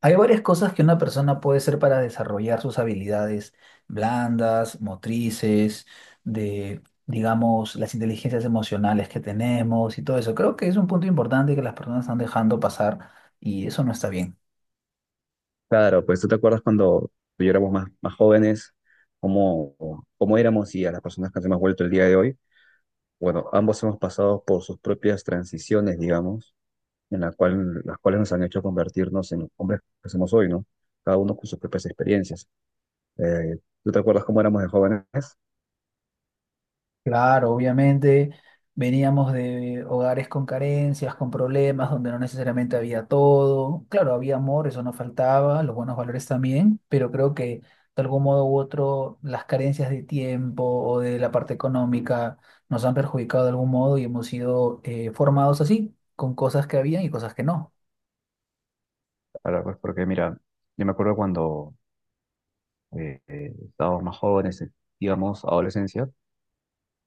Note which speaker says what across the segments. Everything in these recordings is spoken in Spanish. Speaker 1: Hay varias cosas que una persona puede hacer para desarrollar sus habilidades blandas, motrices, de, digamos, las inteligencias emocionales que tenemos y todo eso. Creo que es un punto importante que las personas están dejando pasar y eso no está bien.
Speaker 2: Claro, pues tú te acuerdas cuando tú y yo éramos más jóvenes, cómo, cómo éramos y a las personas que nos hemos vuelto el día de hoy. Bueno, ambos hemos pasado por sus propias transiciones, digamos, las cuales nos han hecho convertirnos en los hombres que somos hoy, ¿no? Cada uno con sus propias experiencias. Eh, ¿Tú te acuerdas cómo éramos de jóvenes?
Speaker 1: Claro, obviamente veníamos de hogares con carencias, con problemas, donde no necesariamente había todo. Claro, había amor, eso no faltaba, los buenos valores también, pero creo que de algún modo u otro las carencias de tiempo o de la parte económica nos han perjudicado de algún modo y hemos sido formados así, con cosas que habían y cosas que no.
Speaker 2: Ahora, pues porque mira, yo me acuerdo cuando eh, estábamos más jóvenes, digamos, adolescencia.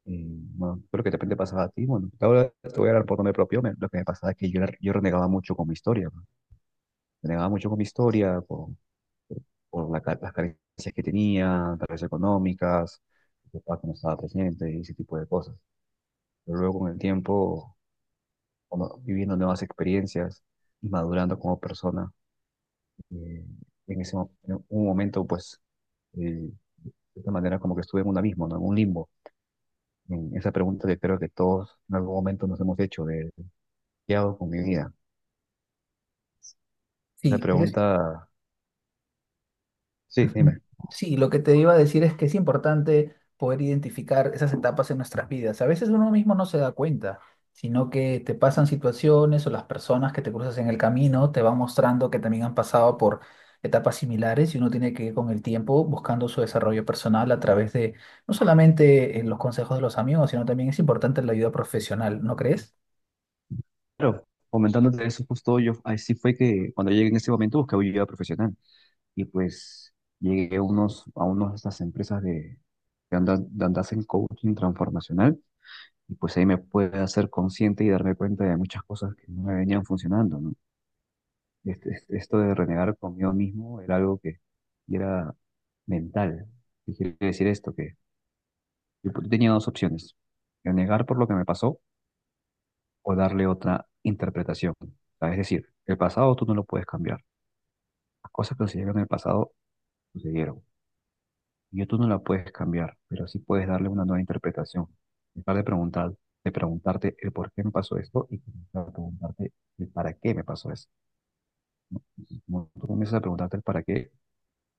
Speaker 2: Eh, bueno, creo que de repente pasaba a ti. Bueno, ahora te voy a hablar por nombre propio. Lo que me pasaba es que yo renegaba mucho con mi historia, ¿no? Renegaba mucho con mi historia, por la las carencias que tenía, tal vez económicas, mi papá que no estaba presente y ese tipo de cosas. Pero luego con el tiempo, viviendo nuevas experiencias y madurando como persona, eh, en ese en un momento, pues, de esta manera como que estuve en un abismo, ¿no? En un limbo. En esa pregunta que creo que todos en algún momento nos hemos hecho, ¿qué hago con mi vida? Esa
Speaker 1: Sí, pero es
Speaker 2: pregunta, sí,
Speaker 1: ujú.
Speaker 2: dime.
Speaker 1: Sí, lo que te iba a decir es que es importante poder identificar esas etapas en nuestras vidas. A veces uno mismo no se da cuenta, sino que te pasan situaciones o las personas que te cruzas en el camino te van mostrando que también han pasado por etapas similares y uno tiene que ir con el tiempo buscando su desarrollo personal a través de no solamente los consejos de los amigos, sino también es importante la ayuda profesional, ¿no crees?
Speaker 2: Pero comentándote eso, justo yo, así fue que cuando llegué en ese momento busqué ayuda profesional y pues llegué a a unas de estas empresas de, de hacen coaching transformacional y pues ahí me pude hacer consciente y darme cuenta de muchas cosas que no me venían funcionando, ¿no? Esto de renegar conmigo mismo era algo que era mental. ¿Qué quiere decir esto? Que yo tenía dos opciones, renegar por lo que me pasó o darle otra interpretación. Es decir, el pasado tú no lo puedes cambiar. Las cosas que sucedieron en el pasado sucedieron. Y tú no la puedes cambiar, pero sí puedes darle una nueva interpretación. Dejar de preguntar, de preguntarte el por qué me pasó esto y comenzar a preguntarte el para qué me pasó eso. Como tú comienzas a preguntarte el para qué,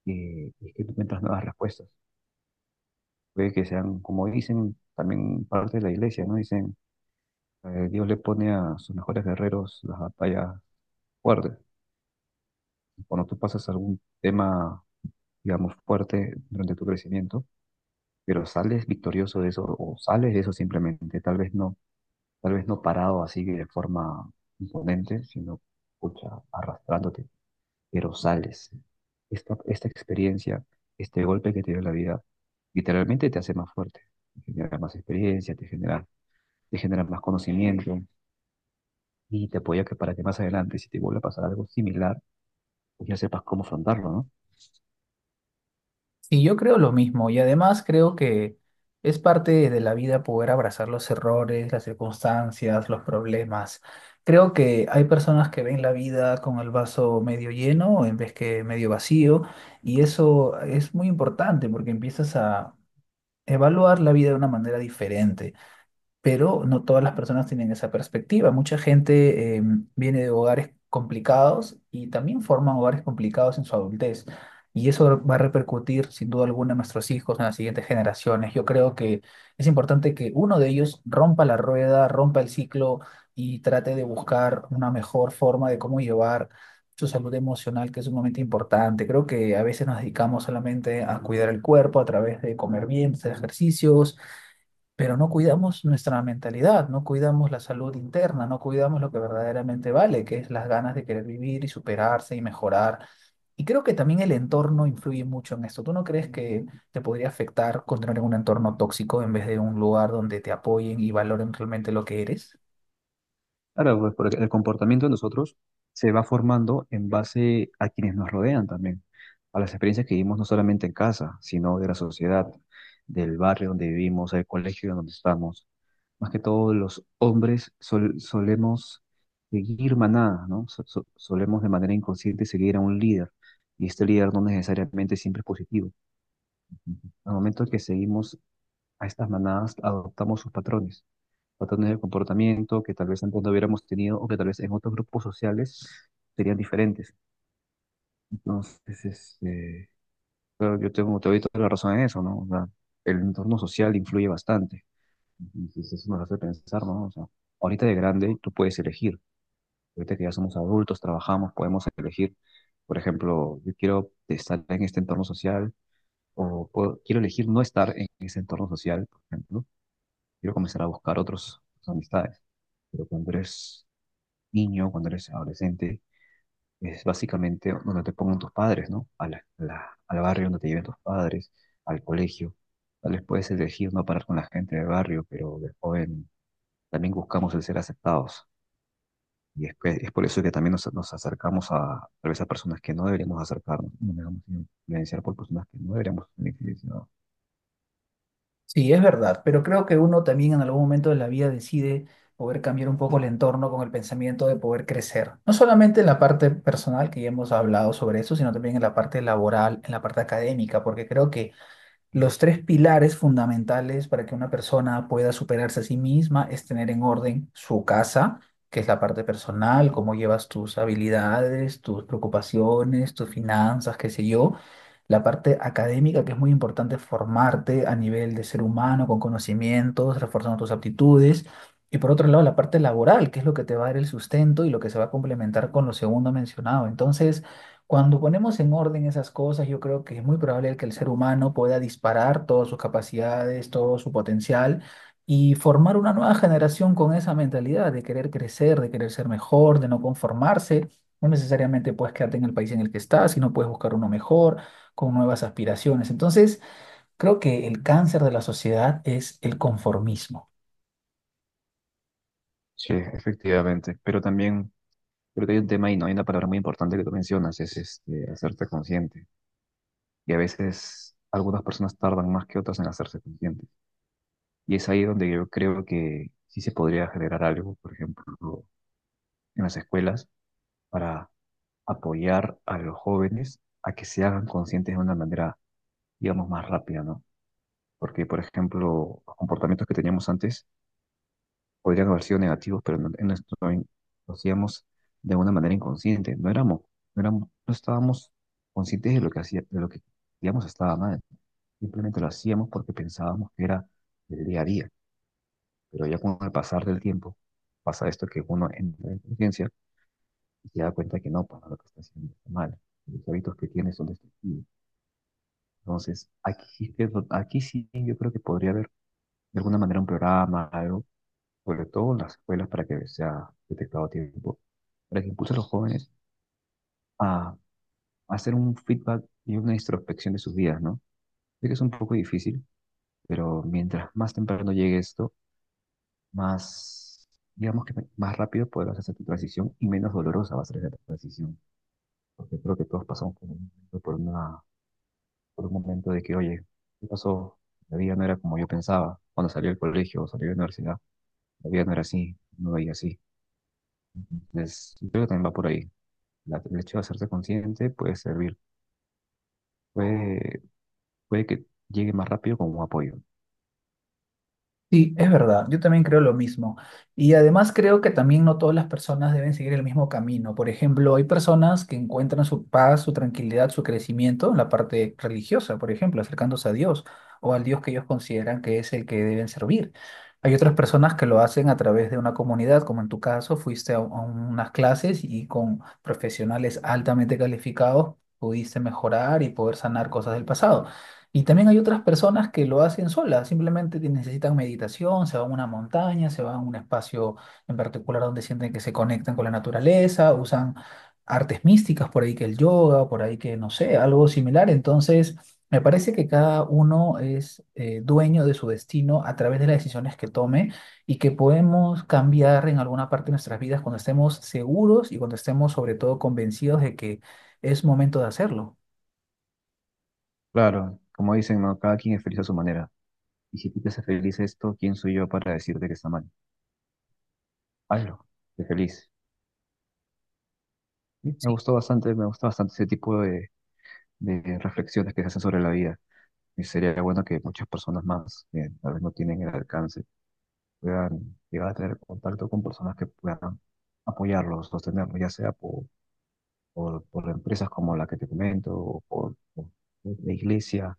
Speaker 2: es que tú encuentras nuevas respuestas. Puede que sean, como dicen también parte de la iglesia, ¿no? Dicen, Dios le pone a sus mejores guerreros las batallas fuertes. Cuando tú pasas algún tema, digamos, fuerte durante tu crecimiento, pero sales victorioso de eso o sales de eso simplemente, tal vez no parado así de forma imponente, sino pucha, arrastrándote, pero sales. Esta experiencia, este golpe que te dio la vida, literalmente te hace más fuerte, te genera más experiencia, te genera más conocimiento y te apoya que para que más adelante, si te vuelve a pasar algo similar, pues ya sepas cómo afrontarlo, ¿no?
Speaker 1: Y yo creo lo mismo, y además creo que es parte de la vida poder abrazar los errores, las circunstancias, los problemas. Creo que hay personas que ven la vida con el vaso medio lleno en vez que medio vacío, y eso es muy importante porque empiezas a evaluar la vida de una manera diferente, pero no todas las personas tienen esa perspectiva. Mucha gente viene de hogares complicados y también forman hogares complicados en su adultez. Y eso va a repercutir sin duda alguna en nuestros hijos, en las siguientes generaciones. Yo creo que es importante que uno de ellos rompa la rueda, rompa el ciclo y trate de buscar una mejor forma de cómo llevar su salud emocional, que es sumamente importante. Creo que a veces nos dedicamos solamente a cuidar el cuerpo a través de comer bien, hacer ejercicios, pero no cuidamos nuestra mentalidad, no cuidamos la salud interna, no cuidamos lo que verdaderamente vale, que es las ganas de querer vivir y superarse y mejorar. Y creo que también el entorno influye mucho en esto. ¿Tú no crees que te podría afectar continuar en un entorno tóxico en vez de un lugar donde te apoyen y valoren realmente lo que eres?
Speaker 2: Claro, pues porque el comportamiento de nosotros se va formando en base a quienes nos rodean también, a las experiencias que vivimos no solamente en casa, sino de la sociedad, del barrio donde vivimos, del colegio donde estamos. Más que todo, los hombres solemos seguir manada, ¿no? Solemos de manera inconsciente seguir a un líder, y este líder no necesariamente siempre es positivo. Al momento que seguimos a estas manadas, adoptamos sus patrones de comportamiento que tal vez antes no hubiéramos tenido o que tal vez en otros grupos sociales serían diferentes. Entonces, este, claro, te doy toda la razón en eso, ¿no? O sea, el entorno social influye bastante. Entonces, eso nos hace pensar, ¿no? O sea, ahorita de grande tú puedes elegir. Ahorita que ya somos adultos, trabajamos, podemos elegir. Por ejemplo, yo quiero estar en este entorno social o quiero elegir no estar en ese entorno social, por ejemplo. Quiero comenzar a buscar otras amistades. Pero cuando eres niño, cuando eres adolescente, es básicamente donde te pongan tus padres, ¿no? Al barrio donde te lleven tus padres, al colegio. Tal vez puedes elegir no parar con la gente del barrio, pero de joven también buscamos el ser aceptados. Es por eso que también nos acercamos a, tal vez a personas que no deberíamos acercarnos, nos dejamos influenciar por personas que no deberíamos ser influenciados.
Speaker 1: Sí, es verdad, pero creo que uno también en algún momento de la vida decide poder cambiar un poco el entorno con el pensamiento de poder crecer. No solamente en la parte personal, que ya hemos hablado sobre eso, sino también en la parte laboral, en la parte académica, porque creo que los tres pilares fundamentales para que una persona pueda superarse a sí misma es tener en orden su casa, que es la parte personal, cómo llevas tus habilidades, tus preocupaciones, tus finanzas, qué sé yo. La parte académica, que es muy importante formarte a nivel de ser humano, con conocimientos, reforzando tus aptitudes. Y por otro lado, la parte laboral, que es lo que te va a dar el sustento y lo que se va a complementar con lo segundo mencionado. Entonces, cuando ponemos en orden esas cosas, yo creo que es muy probable que el ser humano pueda disparar todas sus capacidades, todo su potencial, y formar una nueva generación con esa mentalidad de querer crecer, de querer ser mejor, de no conformarse. No necesariamente puedes quedarte en el país en el que estás, sino puedes buscar uno mejor, con nuevas aspiraciones. Entonces, creo que el cáncer de la sociedad es el conformismo.
Speaker 2: Sí, efectivamente. Pero también, creo que hay un tema y no hay una palabra muy importante que tú mencionas, es este, hacerte consciente. Y a veces algunas personas tardan más que otras en hacerse conscientes. Y es ahí donde yo creo que sí se podría generar algo, por ejemplo, en las escuelas, para apoyar a los jóvenes a que se hagan conscientes de una manera, digamos, más rápida, ¿no? Porque, por ejemplo, los comportamientos que teníamos antes podrían haber sido negativos, pero en nuestro, lo hacíamos de una manera inconsciente. No éramos, no estábamos conscientes de lo que hacía, de lo que, digamos, estaba mal. Simplemente lo hacíamos porque pensábamos que era el día a día. Pero ya con el pasar del tiempo pasa esto que uno entra en conciencia y se da cuenta que no, para lo que está haciendo está mal. Los hábitos que tiene son destructivos. Entonces, aquí sí yo creo que podría haber de alguna manera un programa, algo, sobre todo en las escuelas para que sea detectado a tiempo, para que impulse a los jóvenes a hacer un feedback y una introspección de sus vidas, ¿no? Sé que es un poco difícil, pero mientras más temprano llegue esto, más, digamos que más rápido podrás hacer tu transición y menos dolorosa va a ser esa transición. Porque creo que todos pasamos por un momento, por un momento de que, oye, ¿qué pasó? La vida no era como yo pensaba cuando salí del colegio o salí de la universidad. La vida no era así, no veía así. Entonces, yo creo que también va por ahí. El hecho de hacerse consciente puede servir, puede, puede que llegue más rápido como un apoyo.
Speaker 1: Sí, es verdad, yo también creo lo mismo. Y además creo que también no todas las personas deben seguir el mismo camino. Por ejemplo, hay personas que encuentran su paz, su tranquilidad, su crecimiento en la parte religiosa, por ejemplo, acercándose a Dios o al Dios que ellos consideran que es el que deben servir. Hay otras personas que lo hacen a través de una comunidad, como en tu caso, fuiste a unas clases y con profesionales altamente calificados pudiste mejorar y poder sanar cosas del pasado. Y también hay otras personas que lo hacen solas, simplemente necesitan meditación, se van a una montaña, se van a un espacio en particular donde sienten que se conectan con la naturaleza, usan artes místicas, por ahí que el yoga, por ahí que no sé, algo similar. Entonces, me parece que cada uno es dueño de su destino a través de las decisiones que tome y que podemos cambiar en alguna parte de nuestras vidas cuando estemos seguros y cuando estemos sobre todo convencidos de que es momento de hacerlo.
Speaker 2: Claro, como dicen, ¿no? Cada quien es feliz a su manera. Y si tú te haces feliz esto, ¿quién soy yo para decirte que está mal? Hazlo, sé feliz. Sí, me gustó bastante ese tipo de reflexiones que se hacen sobre la vida. Y sería bueno que muchas personas más, que tal vez no tienen el alcance, puedan llegar a tener contacto con personas que puedan apoyarlos, sostenerlos, ya sea por empresas como la que te comento, por la iglesia,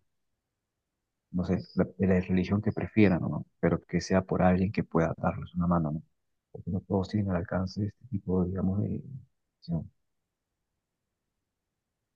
Speaker 2: no sé, la, de la religión que prefieran, ¿no? Pero que sea por alguien que pueda darles una mano, ¿no? Porque no todos tienen al alcance este tipo, digamos, de... acción.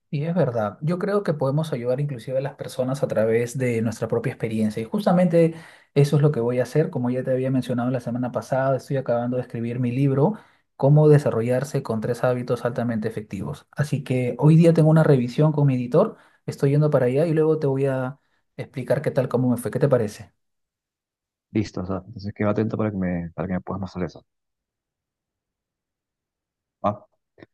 Speaker 1: Y es verdad, yo creo que podemos ayudar inclusive a las personas a través de nuestra propia experiencia. Y justamente eso es lo que voy a hacer, como ya te había mencionado la semana pasada, estoy acabando de escribir mi libro, Cómo desarrollarse con tres hábitos altamente efectivos. Así que hoy día tengo una revisión con mi editor, estoy yendo para allá y luego te voy a explicar qué tal, cómo me fue, ¿qué te parece?
Speaker 2: Listo, o sea, entonces quedo atento para que para que me puedas más sobre eso. Ah,